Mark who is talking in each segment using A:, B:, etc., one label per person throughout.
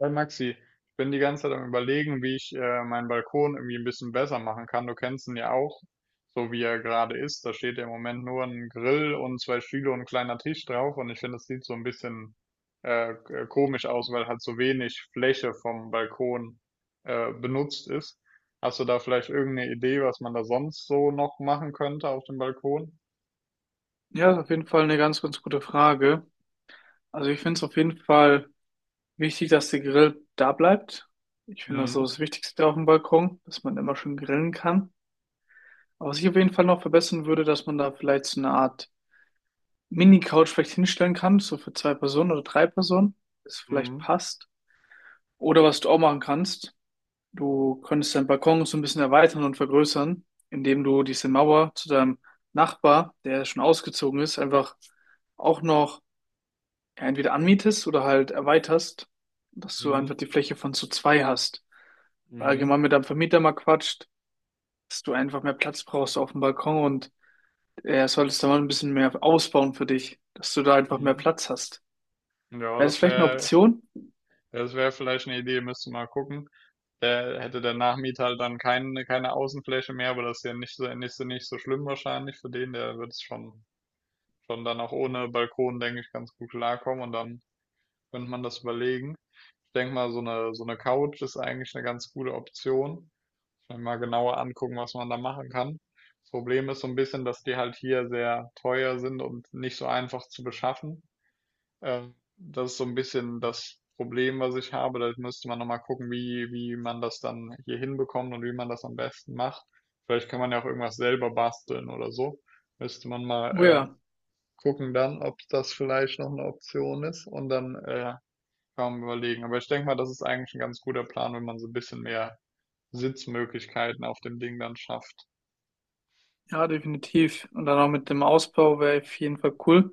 A: Hey Maxi, ich bin die ganze Zeit am Überlegen, wie ich meinen Balkon irgendwie ein bisschen besser machen kann. Du kennst ihn ja auch, so wie er gerade ist. Da steht ja im Moment nur ein Grill und zwei Stühle und ein kleiner Tisch drauf. Und ich finde, das sieht so ein bisschen komisch aus, weil halt so wenig Fläche vom Balkon benutzt ist. Hast du da vielleicht irgendeine Idee, was man da sonst so noch machen könnte auf dem Balkon?
B: Ja, ist auf jeden Fall eine ganz, ganz gute Frage. Also ich finde es auf jeden Fall wichtig, dass der Grill da bleibt. Ich finde das so
A: Mhm.
B: das Wichtigste auf dem Balkon, dass man immer schön grillen kann. Aber was ich auf jeden Fall noch verbessern würde, dass man da vielleicht so eine Art Mini-Couch vielleicht hinstellen kann, so für zwei Personen oder drei Personen, das vielleicht
A: Mhm.
B: passt. Oder was du auch machen kannst, du könntest deinen Balkon so ein bisschen erweitern und vergrößern, indem du diese Mauer zu deinem Nachbar, der schon ausgezogen ist, einfach auch noch ja, entweder anmietest oder halt erweiterst, dass du einfach
A: Mhm.
B: die Fläche von zu zwei hast.
A: Mhm.
B: Allgemein mit deinem Vermieter mal quatscht, dass du einfach mehr Platz brauchst auf dem Balkon und er solltest da mal ein bisschen mehr ausbauen für dich, dass du da einfach mehr
A: Mhm.
B: Platz hast.
A: Ja,
B: Wäre das
A: das
B: vielleicht eine
A: wäre
B: Option?
A: Ja, das wäre vielleicht eine Idee, müsste mal gucken. Der hätte der Nachmieter halt dann keine Außenfläche mehr, aber das ist ja nicht so schlimm wahrscheinlich für den. Der wird es schon dann auch ohne Balkon, denke ich, ganz gut klarkommen, und dann könnte man das überlegen. Ich denke mal, so eine Couch ist eigentlich eine ganz gute Option. Muss man mal genauer angucken, was man da machen kann. Das Problem ist so ein bisschen, dass die halt hier sehr teuer sind und nicht so einfach zu beschaffen. Das ist so ein bisschen das Problem, was ich habe. Da müsste man nochmal gucken, wie man das dann hier hinbekommt und wie man das am besten macht. Vielleicht kann man ja auch irgendwas selber basteln oder so. Müsste man mal
B: Oh ja,
A: gucken dann, ob das vielleicht noch eine Option ist, und dann kann man überlegen. Aber ich denke mal, das ist eigentlich ein ganz guter Plan, wenn man so ein bisschen mehr Sitzmöglichkeiten auf dem Ding dann schafft.
B: ja, definitiv. Und dann auch mit dem Ausbau wäre auf jeden Fall cool.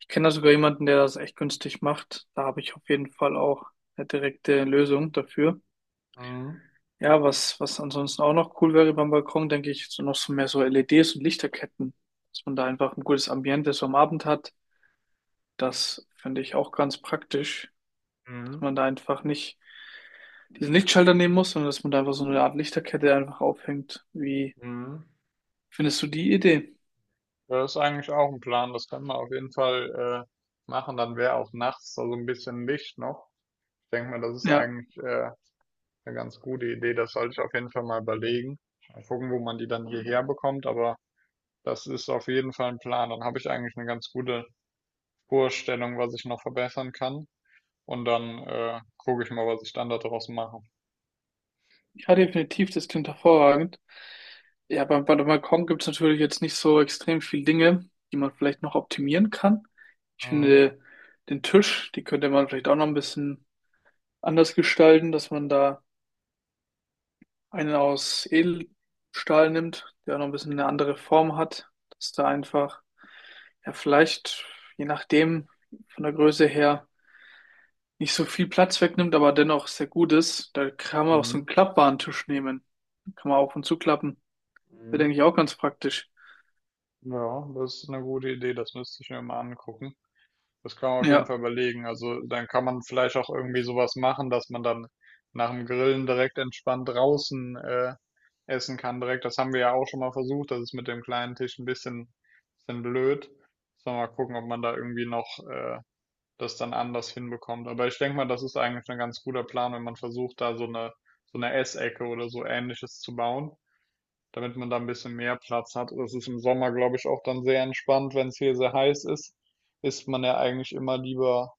B: Ich kenne da sogar jemanden, der das echt günstig macht. Da habe ich auf jeden Fall auch eine direkte Lösung dafür.
A: Mhm.
B: Ja, was ansonsten auch noch cool wäre beim Balkon, denke ich, so noch so mehr so LEDs und Lichterketten, dass man da einfach ein gutes Ambiente so am Abend hat. Das finde ich auch ganz praktisch, dass
A: Mhm.
B: man da einfach nicht diesen Lichtschalter nehmen muss, sondern dass man da einfach so eine Art Lichterkette einfach aufhängt. Wie
A: Mhm.
B: findest du die Idee?
A: Das ist eigentlich auch ein Plan, das können wir auf jeden Fall machen. Dann wäre auch nachts da so ein bisschen Licht noch. Ich denke mal, das ist
B: Ja,
A: eigentlich eine ganz gute Idee. Das sollte ich auf jeden Fall mal überlegen. Mal gucken, wo man die dann hierher bekommt, aber das ist auf jeden Fall ein Plan. Dann habe ich eigentlich eine ganz gute Vorstellung, was ich noch verbessern kann. Und dann gucke ich mal, was ich dann daraus mache.
B: ja, definitiv, das klingt hervorragend. Ja, beim Balkon gibt es natürlich jetzt nicht so extrem viel Dinge, die man vielleicht noch optimieren kann. Ich
A: Mhm.
B: finde, den Tisch, die könnte man vielleicht auch noch ein bisschen anders gestalten, dass man da einen aus Edelstahl nimmt, der auch noch ein bisschen eine andere Form hat, dass da einfach, ja, vielleicht, je nachdem, von der Größe her, nicht so viel Platz wegnimmt, aber dennoch sehr gut ist. Da kann man auch so
A: Mhm.
B: einen klappbaren Tisch nehmen. Kann man auf und zuklappen. Wäre,
A: Mhm.
B: denke ich, auch ganz praktisch.
A: Ja, das ist eine gute Idee. Das müsste ich mir mal angucken. Das kann man auf jeden
B: Ja.
A: Fall überlegen. Also dann kann man vielleicht auch irgendwie sowas machen, dass man dann nach dem Grillen direkt entspannt draußen essen kann direkt. Das haben wir ja auch schon mal versucht. Das ist mit dem kleinen Tisch ein bisschen blöd. Sollen wir mal gucken, ob man da irgendwie noch das dann anders hinbekommt. Aber ich denke mal, das ist eigentlich ein ganz guter Plan, wenn man versucht, da so eine Essecke oder so Ähnliches zu bauen, damit man da ein bisschen mehr Platz hat. Das ist im Sommer, glaube ich, auch dann sehr entspannt. Wenn es hier sehr heiß ist, ist man ja eigentlich immer lieber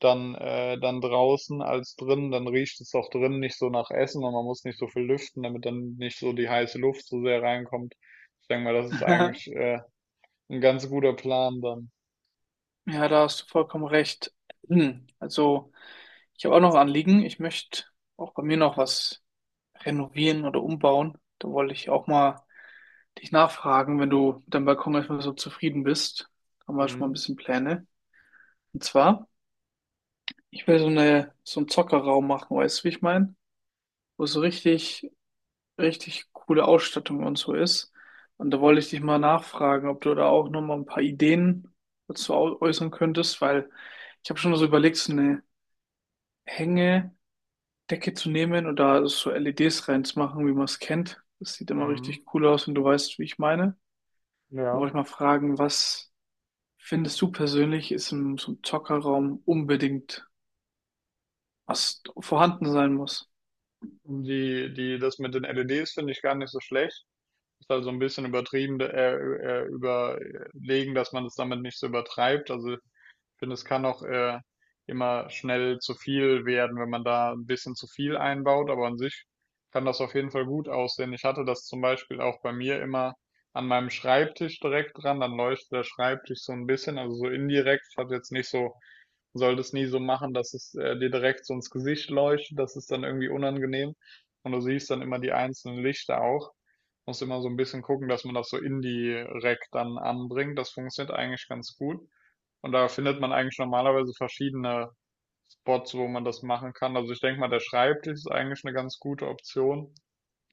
A: dann draußen als drin. Dann riecht es auch drin nicht so nach Essen und man muss nicht so viel lüften, damit dann nicht so die heiße Luft so sehr reinkommt. Ich denke mal, das ist eigentlich, 'n ganz guter Plan dann.
B: Ja, da hast du vollkommen recht. Hm, also, ich habe auch noch ein Anliegen. Ich möchte auch bei mir noch was renovieren oder umbauen. Da wollte ich auch mal dich nachfragen, wenn du mit deinem Balkon erstmal so zufrieden bist. Haben wir schon mal ein
A: Mhm.
B: bisschen Pläne. Und zwar, ich will so einen Zockerraum machen, weißt du, wie ich meine? Wo so richtig, richtig coole Ausstattung und so ist. Und da wollte ich dich mal nachfragen, ob du da auch nochmal ein paar Ideen dazu äußern könntest, weil ich habe schon so überlegt, so eine Hängedecke zu nehmen und da so LEDs reinzumachen, wie man es kennt. Das sieht immer
A: Mhm.
B: richtig cool aus, wenn du weißt, wie ich meine. Da
A: Ja.
B: wollte ich mal fragen, was findest du persönlich, ist im so einem Zockerraum unbedingt was vorhanden sein muss?
A: Die das mit den LEDs finde ich gar nicht so schlecht. Ist also so ein bisschen übertrieben, überlegen, dass man es damit nicht so übertreibt. Also ich finde, es kann auch immer schnell zu viel werden, wenn man da ein bisschen zu viel einbaut, aber an sich kann das auf jeden Fall gut aussehen. Ich hatte das zum Beispiel auch bei mir immer an meinem Schreibtisch direkt dran, dann leuchtet der Schreibtisch so ein bisschen, also so indirekt. Ich hatte jetzt nicht so, sollte es nie so machen, dass es dir direkt so ins Gesicht leuchtet, das ist dann irgendwie unangenehm. Und du siehst dann immer die einzelnen Lichter auch. Muss immer so ein bisschen gucken, dass man das so indirekt dann anbringt. Das funktioniert eigentlich ganz gut. Und da findet man eigentlich normalerweise verschiedene Spots, wo man das machen kann. Also, ich denke mal, der Schreibtisch ist eigentlich eine ganz gute Option,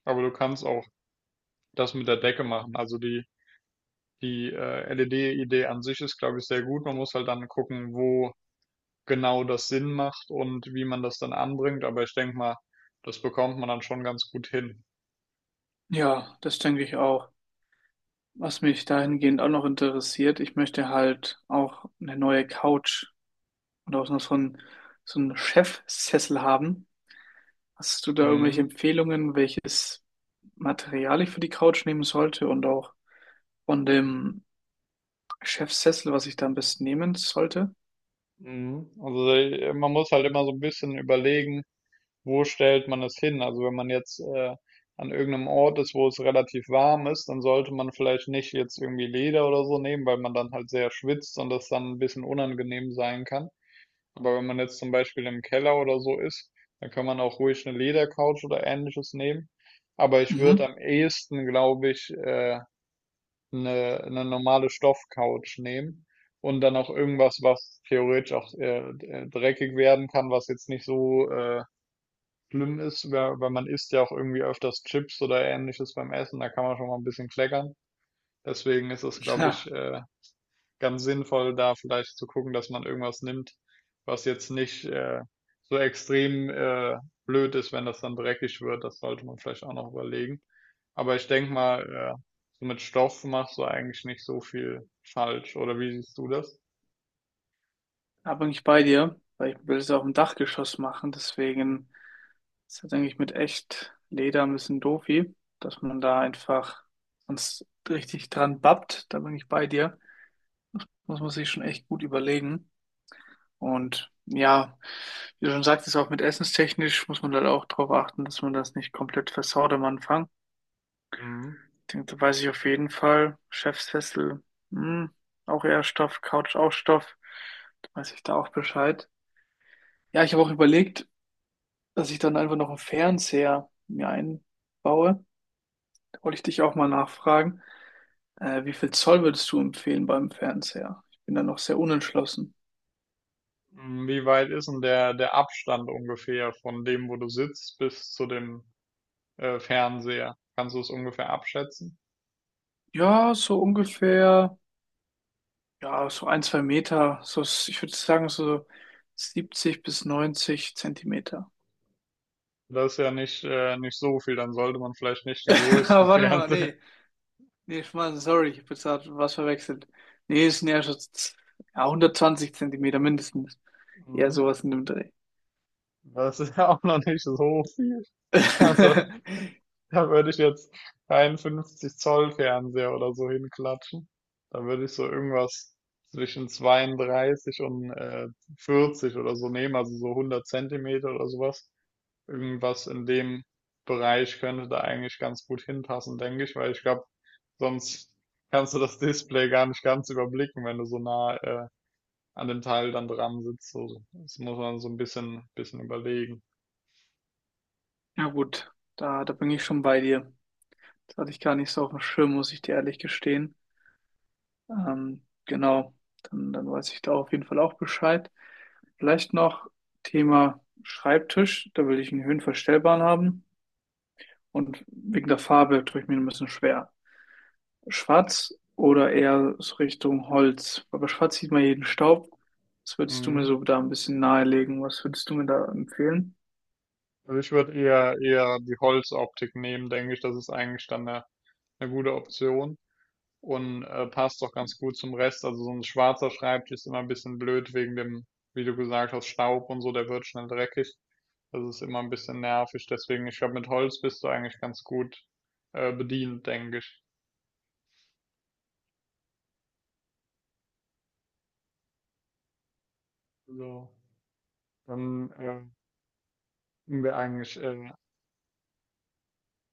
A: aber du kannst auch das mit der Decke machen. Also, LED-Idee an sich ist, glaube ich, sehr gut. Man muss halt dann gucken, wo genau das Sinn macht und wie man das dann anbringt, aber ich denke mal, das bekommt man dann schon ganz gut hin.
B: Ja, das denke ich auch. Was mich dahingehend auch noch interessiert, ich möchte halt auch eine neue Couch und auch noch so einen Chefsessel haben. Hast du da irgendwelche
A: Mhm.
B: Empfehlungen, welches Material ich für die Couch nehmen sollte und auch von dem Chefsessel, was ich da am besten nehmen sollte?
A: Mhm. Also man muss halt immer so ein bisschen überlegen, wo stellt man es hin. Also wenn man jetzt an irgendeinem Ort ist, wo es relativ warm ist, dann sollte man vielleicht nicht jetzt irgendwie Leder oder so nehmen, weil man dann halt sehr schwitzt und das dann ein bisschen unangenehm sein kann. Aber wenn man jetzt zum Beispiel im Keller oder so ist, dann kann man auch ruhig eine Ledercouch oder Ähnliches nehmen. Aber ich würde
B: Mhm.
A: am ehesten, glaube ich, eine normale Stoffcouch nehmen und dann auch irgendwas, was theoretisch auch dreckig werden kann, was jetzt nicht so schlimm ist, weil man isst ja auch irgendwie öfters Chips oder Ähnliches beim Essen, da kann man schon mal ein bisschen kleckern. Deswegen ist es, glaube
B: Ja.
A: ich, ganz sinnvoll, da vielleicht zu gucken, dass man irgendwas nimmt, was jetzt nicht so extrem blöd ist, wenn das dann dreckig wird. Das sollte man vielleicht auch noch überlegen. Aber ich denke mal, so mit Stoff machst du eigentlich nicht so viel falsch. Oder wie siehst du das?
B: Da bin ich bei dir, weil ich will es auch im Dachgeschoss machen. Deswegen ist das eigentlich mit echt Leder ein bisschen doofi, dass man da einfach sonst richtig dran babbt. Da bin ich bei dir. Muss man sich schon echt gut überlegen. Und ja, wie du schon sagtest, auch mit essenstechnisch muss man halt auch darauf achten, dass man das nicht komplett versaut am Anfang.
A: Mhm.
B: Ich denke, da weiß ich auf jeden Fall. Chefsessel, hm, auch eher Stoff, Couch auch Stoff. Da weiß ich da auch Bescheid. Ja, ich habe auch überlegt, dass ich dann einfach noch einen Fernseher mir einbaue. Da wollte ich dich auch mal nachfragen, wie viel Zoll würdest du empfehlen beim Fernseher? Ich bin da noch sehr unentschlossen.
A: Mm, wie weit ist denn der Abstand ungefähr von dem, wo du sitzt, bis zu dem Fernseher? Kannst du es ungefähr abschätzen?
B: Ja, so ungefähr, ja, so ein, zwei Meter, so, ich würde sagen so 70 bis 90 Zentimeter.
A: Das ist ja nicht so viel, dann sollte man vielleicht nicht den
B: Ah,
A: größten
B: warte mal,
A: Fernseher.
B: nee, nee, Schmarrn, sorry, ich habe jetzt grad was verwechselt. Nee, es sind eher schon ja, 120 Zentimeter mindestens. Eher
A: Mhm.
B: sowas in dem Dreh.
A: Das ist ja auch noch nicht so viel. Also, da würde ich jetzt keinen 50 Zoll Fernseher oder so hinklatschen. Da würde ich so irgendwas zwischen 32 und 40 oder so nehmen, also so 100 Zentimeter oder sowas. Irgendwas in dem Bereich könnte da eigentlich ganz gut hinpassen, denke ich, weil ich glaube, sonst kannst du das Display gar nicht ganz überblicken, wenn du so nah an dem Teil dann dran sitzt. So, das muss man so ein bisschen überlegen.
B: Ja gut, da bin ich schon bei dir. Das hatte ich gar nicht so auf dem Schirm, muss ich dir ehrlich gestehen. Genau, dann weiß ich da auf jeden Fall auch Bescheid. Vielleicht noch Thema Schreibtisch, da will ich einen höhenverstellbaren haben. Und wegen der Farbe tue ich mir ein bisschen schwer. Schwarz oder eher so Richtung Holz. Aber schwarz sieht man jeden Staub. Was würdest du mir
A: Mhm.
B: so da ein bisschen nahelegen? Was würdest du mir da empfehlen?
A: Also ich würde eher die Holzoptik nehmen, denke ich. Das ist eigentlich dann eine gute Option und passt doch ganz gut zum Rest. Also so ein schwarzer Schreibtisch ist immer ein bisschen blöd wegen dem, wie du gesagt hast, Staub und so, der wird schnell dreckig. Das ist immer ein bisschen nervig. Deswegen, ich glaube, mit Holz bist du eigentlich ganz gut bedient, denke ich. So, dann sind wir eigentlich